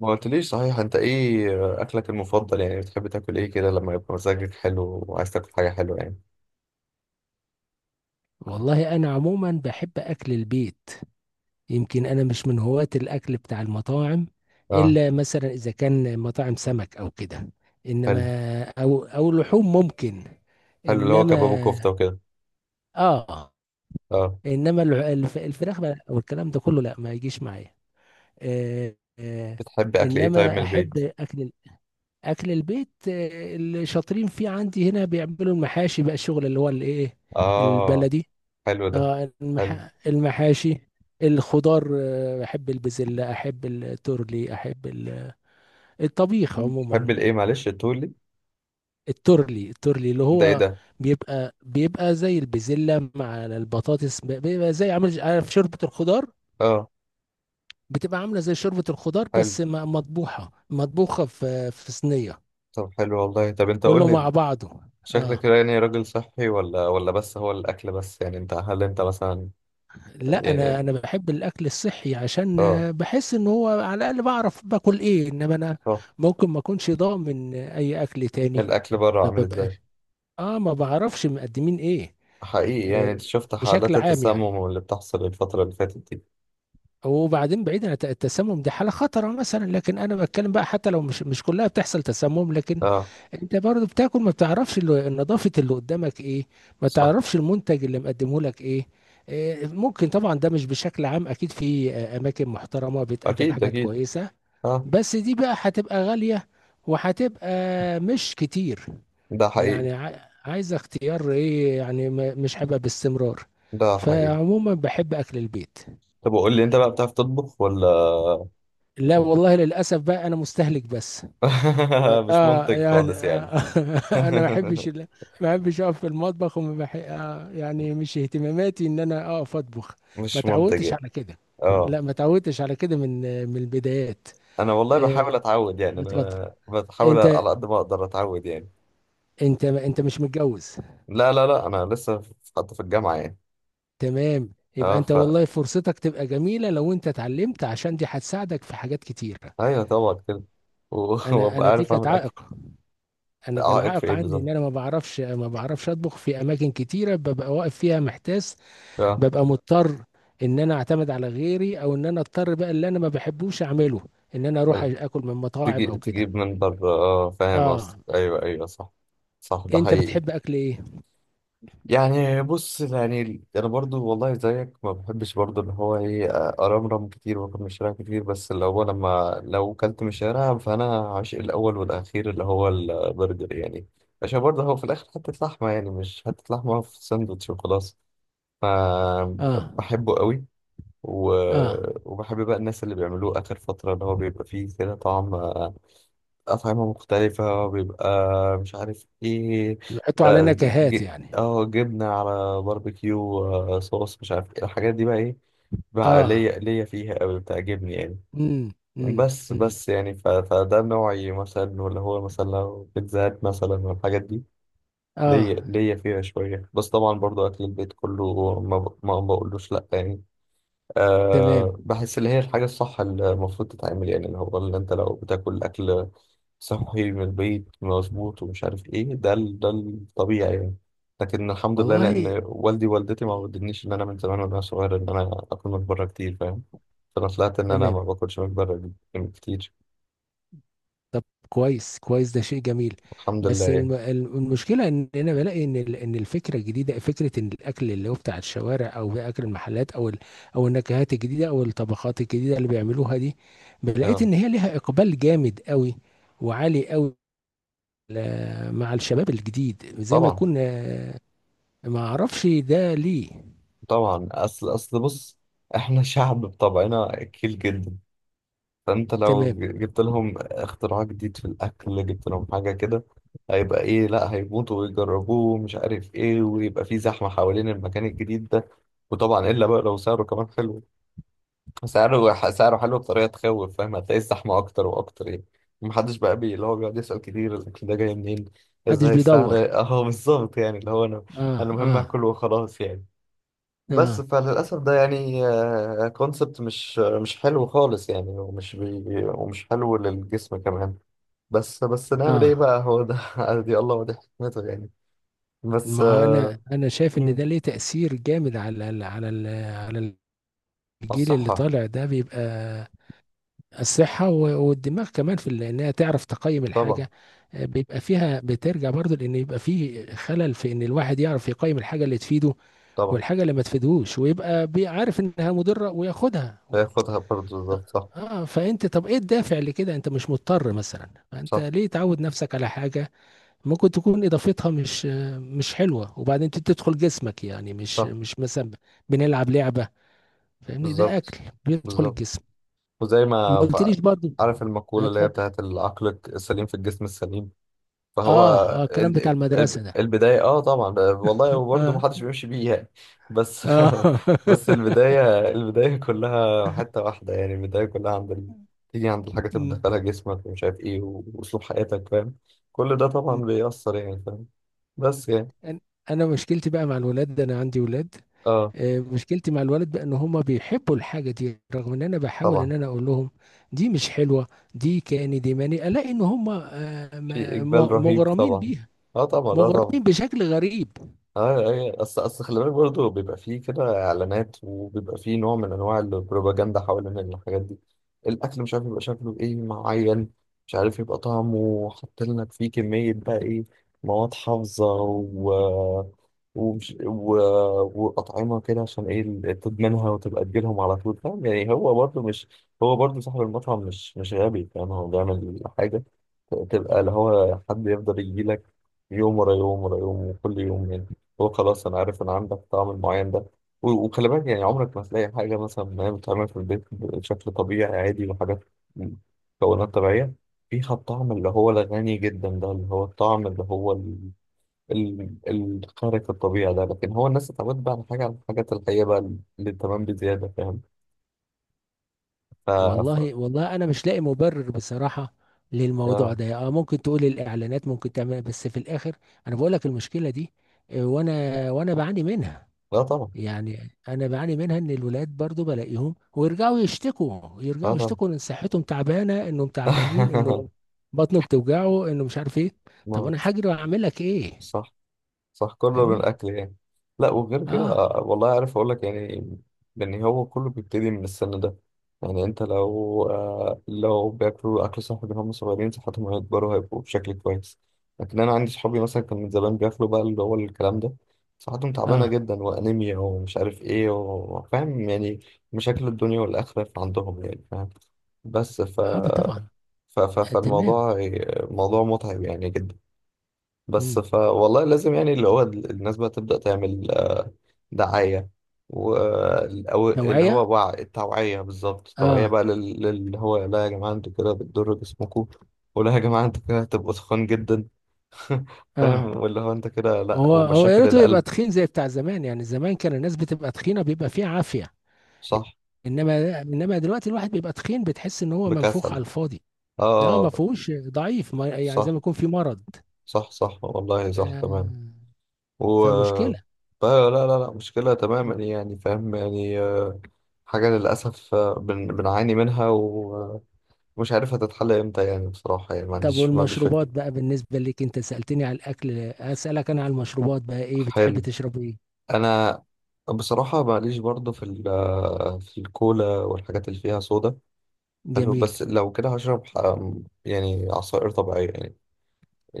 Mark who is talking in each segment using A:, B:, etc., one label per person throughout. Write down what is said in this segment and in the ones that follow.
A: ما قلتليش، صحيح، انت ايه اكلك المفضل؟ يعني بتحب تاكل ايه كده لما يبقى مزاجك حلو وعايز تاكل حاجه حلوه يعني.
B: والله انا عموما بحب اكل البيت. يمكن انا مش من هواة الاكل بتاع المطاعم،
A: اه.
B: الا مثلا اذا كان مطاعم سمك او كده. انما
A: حلو.
B: او لحوم ممكن.
A: حلو اللي هو
B: انما
A: كباب وكفته وكده.
B: اه،
A: اه.
B: انما الفراخ بقى والكلام ده كله، لا، ما يجيش معايا. آه، آه.
A: بتحب اكل ايه طيب من
B: انما
A: البيت؟
B: احب اكل البيت، اللي شاطرين فيه عندي هنا بيعملوا المحاشي بقى، الشغل اللي هو الايه،
A: اه.
B: البلدي.
A: حلو ده.
B: اه،
A: حلو.
B: المحاشي، الخضار، احب البسلة، احب التورلي، احب الطبيخ
A: مم. تحب
B: عموما.
A: الايه؟ معلش، تقول لي.
B: التورلي اللي
A: ده ايه
B: هو
A: ده؟
B: بيبقى زي البسلة مع البطاطس، بيبقى زي عامل عارف شوربة الخضار،
A: اه
B: بتبقى عاملة زي شوربة الخضار،
A: حلو.
B: بس مطبوخة في صينية،
A: طب حلو والله. طب انت قول
B: كله
A: لي
B: مع
A: انت،
B: بعضه.
A: شكلك
B: اه.
A: يعني راجل صحي؟ ولا بس هو الاكل بس يعني؟ انت هل انت مثلا
B: لا، انا
A: يعني؟
B: انا بحب الاكل الصحي، عشان
A: اه.
B: بحس ان هو على الاقل بعرف باكل ايه، انما انا
A: صح.
B: ممكن ما اكونش ضامن اي اكل تاني.
A: الاكل بره
B: ما
A: عامل ازاي؟
B: ببقاش، اه، ما بعرفش مقدمين ايه.
A: حقيقي، يعني
B: آه،
A: انت شفت
B: بشكل
A: حالات
B: عام يعني.
A: التسمم اللي بتحصل الفترة اللي فاتت دي.
B: وبعدين بعيد عن التسمم، دي حالة خطرة مثلا، لكن انا بتكلم بقى، حتى لو مش كلها بتحصل تسمم، لكن
A: اه.
B: انت برضه بتاكل، ما بتعرفش نظافة اللي قدامك ايه، ما
A: صح.
B: تعرفش المنتج اللي مقدمه لك ايه. ممكن طبعا، ده مش بشكل عام، اكيد في اماكن محترمة بتقدم
A: اكيد
B: حاجات
A: اكيد.
B: كويسة،
A: اه.
B: بس دي بقى هتبقى غالية، وهتبقى مش كتير،
A: ده حقيقي.
B: يعني عايز اختيار ايه يعني، مش هيبقى باستمرار.
A: ده حقيقي.
B: فعموما بحب اكل البيت.
A: طب وقول لي انت بقى، بتعرف تطبخ ولا؟
B: لا والله، للاسف بقى انا مستهلك بس.
A: مش
B: اه،
A: منتج
B: يعني
A: خالص يعني.
B: آه انا ما بحبش ال- ما بحبش اقف في المطبخ، وما بح... آه يعني مش اهتماماتي ان انا اقف اطبخ، ما
A: مش منتج
B: تعودتش
A: يعني.
B: على كده.
A: اه.
B: لا، ما تعودتش على كده من البدايات.
A: انا والله بحاول
B: آه،
A: اتعود يعني،
B: اتفضل.
A: انا بحاول
B: انت
A: على قد ما اقدر اتعود يعني.
B: انت مش متجوز؟
A: لا لا لا، انا لسه في- حتى في الجامعة يعني.
B: تمام، يبقى
A: اه،
B: انت
A: ف-
B: والله فرصتك تبقى جميلة لو انت اتعلمت، عشان دي هتساعدك في حاجات كتيرة.
A: ايوه طبعا كده. و-
B: انا
A: وابقى
B: انا دي
A: عارف
B: كانت
A: اعمل اكل.
B: عائق انا كان
A: عائق في
B: عائق
A: ايه
B: عندي، ان
A: بالظبط؟
B: انا ما بعرفش اطبخ، في اماكن كتيرة ببقى واقف فيها محتاس،
A: اه،
B: ببقى مضطر ان انا اعتمد على غيري، او ان انا اضطر بقى اللي انا ما بحبوش اعمله، ان انا اروح اكل من مطاعم
A: تجيب
B: او كده.
A: تجيب من بره. اه فاهم قصدك،
B: اه،
A: ايوه ايوه صح. صح، ده
B: انت
A: حقيقي.
B: بتحب اكل ايه؟
A: يعني بص، يعني انا برضو والله زيك، ما بحبش برضو اللي هو ايه ارمرم كتير واكل من الشارع كتير، بس اللي هو لما لو كلت من الشارع فانا عاشق الاول والاخير اللي هو البرجر يعني. عشان برضه هو في الاخر حته لحمه يعني، مش حته لحمه في ساندوتش وخلاص. ف-
B: اه،
A: بحبه قوي. و...
B: اه.
A: وبحب بقى الناس اللي بيعملوه اخر فتره، اللي هو بيبقى فيه كده طعم، أطعمة مختلفة، بيبقى مش عارف إيه،
B: بيحطوا على نكهات يعني.
A: جبنة على باربيكيو، صوص، مش عارف إيه الحاجات دي بقى إيه. بقى
B: اه،
A: ليا ليا فيها أوي، بتعجبني يعني.
B: امم، امم،
A: بس
B: امم،
A: بس يعني، ف- فده نوعي مثلا. ولا هو مثلا لو بيتزا هات مثلا والحاجات دي،
B: اه،
A: ليا ليا فيها شوية. بس طبعا برضو أكل البيت كله، ما, ب... ما بقولوش لأ يعني.
B: تمام
A: أه، بحس اللي هي الحاجة الصح اللي المفروض تتعمل يعني، اللي هو اللي انت لو بتاكل أكل صحي من البيت مظبوط ومش عارف ايه، ده ال- ده الطبيعي يعني. لكن الحمد لله،
B: والله.
A: لأن والدي ووالدتي ما
B: مم.
A: ودنيش إن أنا من زمان وأنا صغير إن أنا آكل من بره كتير، فاهم؟ فأنا طلعت إن أنا ما
B: تمام.
A: باكلش من بره كتير.
B: طب كويس كويس، ده شيء جميل.
A: الحمد لله
B: بس
A: يعني.
B: المشكله ان انا بلاقي ان ان الفكره الجديده، فكره ان الاكل اللي هو بتاع الشوارع، او اكل المحلات، او او النكهات الجديده، او الطبخات الجديده اللي بيعملوها دي، لقيت
A: اه
B: ان هي ليها اقبال جامد قوي، وعالي قوي، مع الشباب الجديد، زي ما
A: طبعا.
B: يكون ما اعرفش ده ليه.
A: طبعا أصل أصل بص، إحنا شعب بطبعنا أكيل جدا. فانت لو
B: تمام.
A: ج- جبت لهم اختراع جديد في الاكل، جبت لهم حاجه كده، هيبقى ايه؟ لا، هيموتوا ويجربوه ومش عارف ايه، ويبقى في زحمه حوالين المكان الجديد ده. وطبعا الا بقى لو سعره كمان حلو. سعره حلو بطريقه تخوف، فاهم؟ هتلاقي الزحمه اكتر واكتر يعني. محدش بقى بي- اللي هو بيقعد يسال كتير الاكل ده جاي منين،
B: محدش
A: ازاي السعر.
B: بيدور.
A: اه بالظبط. يعني اللي هو انا
B: اه،
A: انا المهم
B: اه،
A: اكل وخلاص يعني. بس
B: اه،
A: فللأسف ده يعني كونسبت مش مش حلو خالص يعني، ومش بي- ومش حلو للجسم كمان. بس بس، نعمل ايه
B: اه.
A: بقى؟ هو ده. دي الله ودي حكمته يعني. بس
B: ما هو انا شايف ان
A: مم،
B: ده ليه تأثير جامد، على على الجيل اللي
A: الصحة.
B: طالع ده، بيبقى الصحة والدماغ كمان، في انها تعرف تقيم
A: طبعا.
B: الحاجة. بيبقى فيها بترجع برضو، لان يبقى فيه خلل في ان الواحد يعرف يقيم الحاجة اللي تفيده،
A: طبعا
B: والحاجة اللي ما تفيدهوش، ويبقى عارف انها مضرة وياخدها.
A: هياخدها برضه، بالظبط صح.
B: اه، فانت طب ايه الدافع لكده؟ انت مش مضطر مثلا. انت
A: صح
B: ليه تعود نفسك على حاجة ممكن تكون اضافتها مش مش حلوة، وبعدين تدخل جسمك؟ يعني مش
A: صح.
B: مش مثلا بنلعب لعبة، فاهمني، ده
A: بالظبط.
B: اكل بيدخل
A: بالظبط.
B: الجسم.
A: وزي
B: ما
A: ما ف-
B: قلتليش برضو.
A: عارف
B: لا،
A: المقولة اللي هي
B: اتفضل.
A: بتاعت العقل السليم في الجسم السليم؟ فهو
B: اه، اه، الكلام بتاع
A: ال-
B: المدرسة
A: ال-
B: ده.
A: البداية. اه طبعا والله. وبرضه ما
B: اه،
A: حدش بيمشي بيه يعني. بس
B: اه.
A: بس البداية، البداية كلها حتة واحدة يعني، البداية كلها عند ال... تيجي عند الحاجة
B: مم،
A: تبدأ لها جسمك ومش عارف ايه، و- وأسلوب حياتك، فاهم؟ كل ده طبعا
B: مم.
A: بيأثر يعني، فاهم؟ بس يعني.
B: أن- انا مشكلتي بقى مع الولاد ده، انا عندي ولاد،
A: اه
B: مشكلتي مع الولد بقى ان هما بيحبوا الحاجة دي، رغم ان انا بحاول ان
A: طبعا.
B: انا اقول لهم دي مش حلوة، دي كأني دي ماني الاقي ان هما
A: في إقبال رهيب
B: مغرمين
A: طبعا.
B: بيها،
A: اه طبعا، اه طبعا.
B: مغرمين بشكل غريب.
A: اه ايوه، اصل اصل خلي بالك برضه بيبقى فيه كده اعلانات، وبيبقى فيه نوع من انواع البروباجندا حوالين الحاجات دي. الاكل مش عارف يبقى شكله ايه معين، مش عارف يبقى طعمه، حاطين لك فيه كميه بقى ايه، مواد حافظه، و- ومش و... واطعمه كده، عشان ايه؟ ال- تدمنها وتبقى تجيلهم على طول، فاهم يعني؟ هو برضه مش- هو برضه صاحب المطعم مش مش غبي، فاهم؟ هو بيعمل حاجه تبقى اللي هو حد يفضل يجيلك يوم ورا يوم ورا يوم وكل يوم يعني. هو خلاص انا عارف ان عندك طعم معين ده. و- وخلي بالك يعني، عمرك ما هتلاقي حاجه مثلا ما هي بتتعمل في البيت بشكل طبيعي عادي، وحاجات مكونات طبيعيه، فيها الطعم اللي هو الغني جدا ده، اللي هو الطعم اللي هو ال- ال- الخارق الطبيعي ده. لكن هو الناس اتعودت بقى على حاجه، على الحاجات الحقيقيه بقى اللي تمام بزياده، فاهم؟ ف... ف...
B: والله والله انا مش لاقي مبرر بصراحه للموضوع
A: آه.
B: ده. اه، ممكن تقول الاعلانات ممكن تعمل، بس في الاخر انا بقول لك المشكله دي. وانا بعاني منها،
A: لا طبعا.
B: يعني انا بعاني منها ان الولاد برضو بلاقيهم، ويرجعوا يشتكوا،
A: لا
B: يرجعوا
A: طبعا.
B: يشتكوا، ان صحتهم تعبانه، انهم تعبانين، انه بطنه بتوجعه، انه مش عارف ايه. طب انا
A: موت.
B: هاجري واعمل لك ايه؟
A: صح. صح، كله من
B: فاهمني.
A: الأكل يعني. لا وغير كده
B: اه،
A: والله عارف أقول لك يعني إن هو كله بيبتدي من السن ده. يعني أنت لو آه لو بياكلوا أكل صحي من هم صغيرين، صحتهم هيكبروا هيبقوا بشكل كويس. لكن أنا عندي صحابي مثلا كان من زمان بياكلوا بقى اللي هو الكلام ده، صحتهم تعبانة
B: اه،
A: جدا وأنيميا ومش عارف إيه، وفاهم يعني مشاكل الدنيا والآخرة عندهم يعني، فاهم؟ بس ف...
B: اه، طبعا.
A: ف... ف...
B: آه، تمام.
A: فالموضوع موضوع متعب يعني جدا. بس
B: مم.
A: ف والله لازم يعني اللي هو ال- الناس بقى تبدأ تعمل دعاية، و- أو اللي
B: توعيه.
A: هو وع- التوعية، بالظبط التوعية
B: اه،
A: بقى لل- للي هو لا يا جماعة انتوا كده بتضروا جسمكم، ولا يا جماعة انتوا كده هتبقوا تخان جدا.
B: اه.
A: فاهم؟ واللي هو انت كده لا،
B: هو هو يا
A: ومشاكل
B: ريته يبقى
A: القلب.
B: تخين زي بتاع زمان، يعني زمان كان الناس بتبقى تخينه، بيبقى فيه عافيه.
A: صح.
B: انما دلوقتي الواحد بيبقى تخين، بتحس ان هو منفوخ
A: بكسل.
B: على الفاضي، لا، ما
A: اه.
B: فيهوش ضعيف، ما يعني زي
A: صح
B: ما يكون في مرض.
A: صح صح والله،
B: ف...
A: صح تمام. و-
B: فمشكله.
A: فلا لا لا لا، مشكلة تماما
B: مم.
A: يعني، فاهم يعني؟ حاجة للأسف، بن- بنعاني منها. مش عارف هتتحل امتى يعني، بصراحة يعني ما
B: طب
A: عنديش، ما عنديش فكرة.
B: والمشروبات بقى بالنسبه لك، انت سالتني على الاكل، اسالك انا على المشروبات، بقى ايه بتحب
A: حلو.
B: تشرب ايه؟
A: أنا بصراحة ماليش برضه في ال- في الكولا والحاجات اللي فيها صودا. حلو،
B: جميل.
A: بس لو كده هشرب ح- يعني عصائر طبيعية يعني.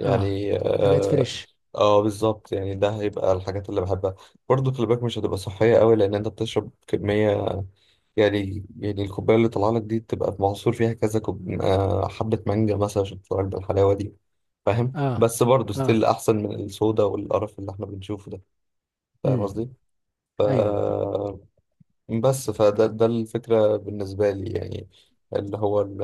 B: اه، حاجات
A: اه,
B: فريش.
A: بالظبط يعني، ده هيبقى الحاجات اللي بحبها. برضه خلي بالك مش هتبقى صحية قوي، لأن أنت بتشرب كمية، يعني يعني الكوباية اللي طالعة لك دي تبقى معصور فيها كذا كوب... حبة مانجا مثلا عشان تطلع لك بالحلاوة دي، فاهم؟
B: اه،
A: بس برضه
B: اه،
A: ستيل أحسن من الصودا والقرف اللي احنا بنشوفه ده. فاهم
B: امم،
A: قصدي؟ ف...
B: ايوه.
A: بس فده ده الفكرة بالنسبة لي يعني. اللي هو ال...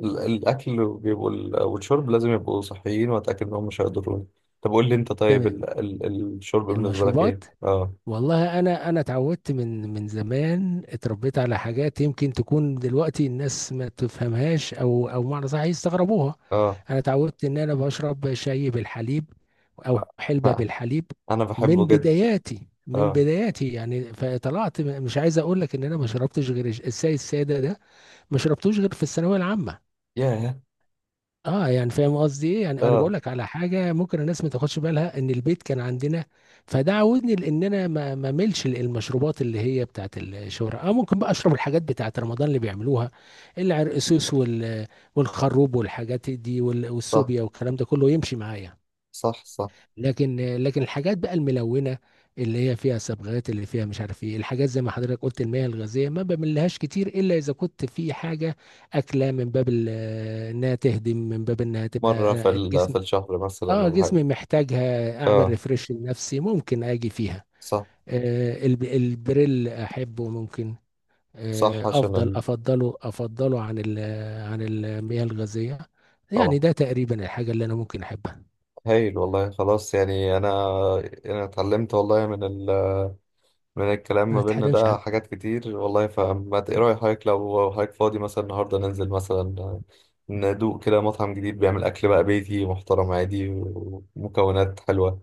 A: ال- الأكل بيبقوا ال- والشرب لازم يبقوا صحيين، وأتأكد إنهم مش هيضروني. طب قول لي أنت طيب، ال...
B: تمام،
A: ال... الشرب بالنسبة لك إيه؟
B: المشروبات. والله انا اتعودت من زمان، اتربيت على حاجات يمكن تكون دلوقتي الناس ما تفهمهاش، او معنى صح يستغربوها.
A: آه
B: انا اتعودت ان انا بشرب شاي بالحليب، او حلبة
A: آه.
B: بالحليب،
A: أنا
B: من
A: بحبه جدا.
B: بداياتي من
A: آه.
B: بداياتي يعني، فطلعت مش عايز اقول لك ان انا ما شربتش غير الشاي الساده ده، ما شربتوش غير في الثانويه العامه.
A: ياه.
B: اه، يعني فاهم قصدي ايه، يعني انا بقول
A: آه.
B: لك على حاجه ممكن الناس ما تاخدش بالها، ان البيت كان عندنا، فده عودني لان انا ما ملش المشروبات اللي هي بتاعت الشهرة. اه، ممكن بقى اشرب الحاجات بتاعت رمضان اللي بيعملوها، العرقسوس، والخروب والحاجات دي،
A: صح
B: والسوبيا والكلام ده كله يمشي معايا.
A: صح صح.
B: لكن الحاجات بقى الملونه، اللي هي فيها صبغات، اللي فيها مش عارف ايه، الحاجات زي ما حضرتك قلت، المياه الغازيه ما بملهاش كتير، الا اذا كنت في حاجه اكله من باب انها تهدم، من باب انها تبقى
A: مرة في ال-
B: الجسم.
A: في الشهر مثلا
B: اه،
A: ولا حاجة؟
B: جسمي محتاجها، اعمل
A: اه.
B: ريفرش لنفسي، ممكن اجي فيها.
A: صح
B: البريل احبه، ممكن.
A: صح،
B: آه
A: عشان
B: افضل
A: ال...
B: افضله افضله عن عن المياه الغازيه،
A: طبعا.
B: يعني ده تقريبا الحاجه اللي انا ممكن احبها.
A: هايل والله. خلاص يعني انا اتعلمت والله من ال... من الكلام ما
B: ما
A: بيننا
B: تحرمش.
A: ده حاجات كتير والله. فما ت- ايه رأي حضرتك لو حضرتك فاضي مثلا النهارده ننزل مثلا ندوق كده مطعم جديد بيعمل اكل بقى بيتي محترم عادي ومكونات حلوة؟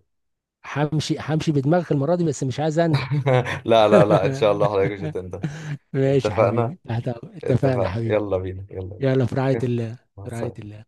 B: همشي همشي بدماغك المرة دي، بس مش عايز أندم.
A: لا لا لا، ان شاء الله حضرتك مش هتندم.
B: ماشي يا
A: اتفقنا.
B: حبيبي، تحت أمرك. اتفقنا يا
A: اتفقنا،
B: حبيبي.
A: يلا بينا، يلا.
B: يلا في رعاية الله.
A: مع
B: في رعاية
A: السلامة.
B: الله.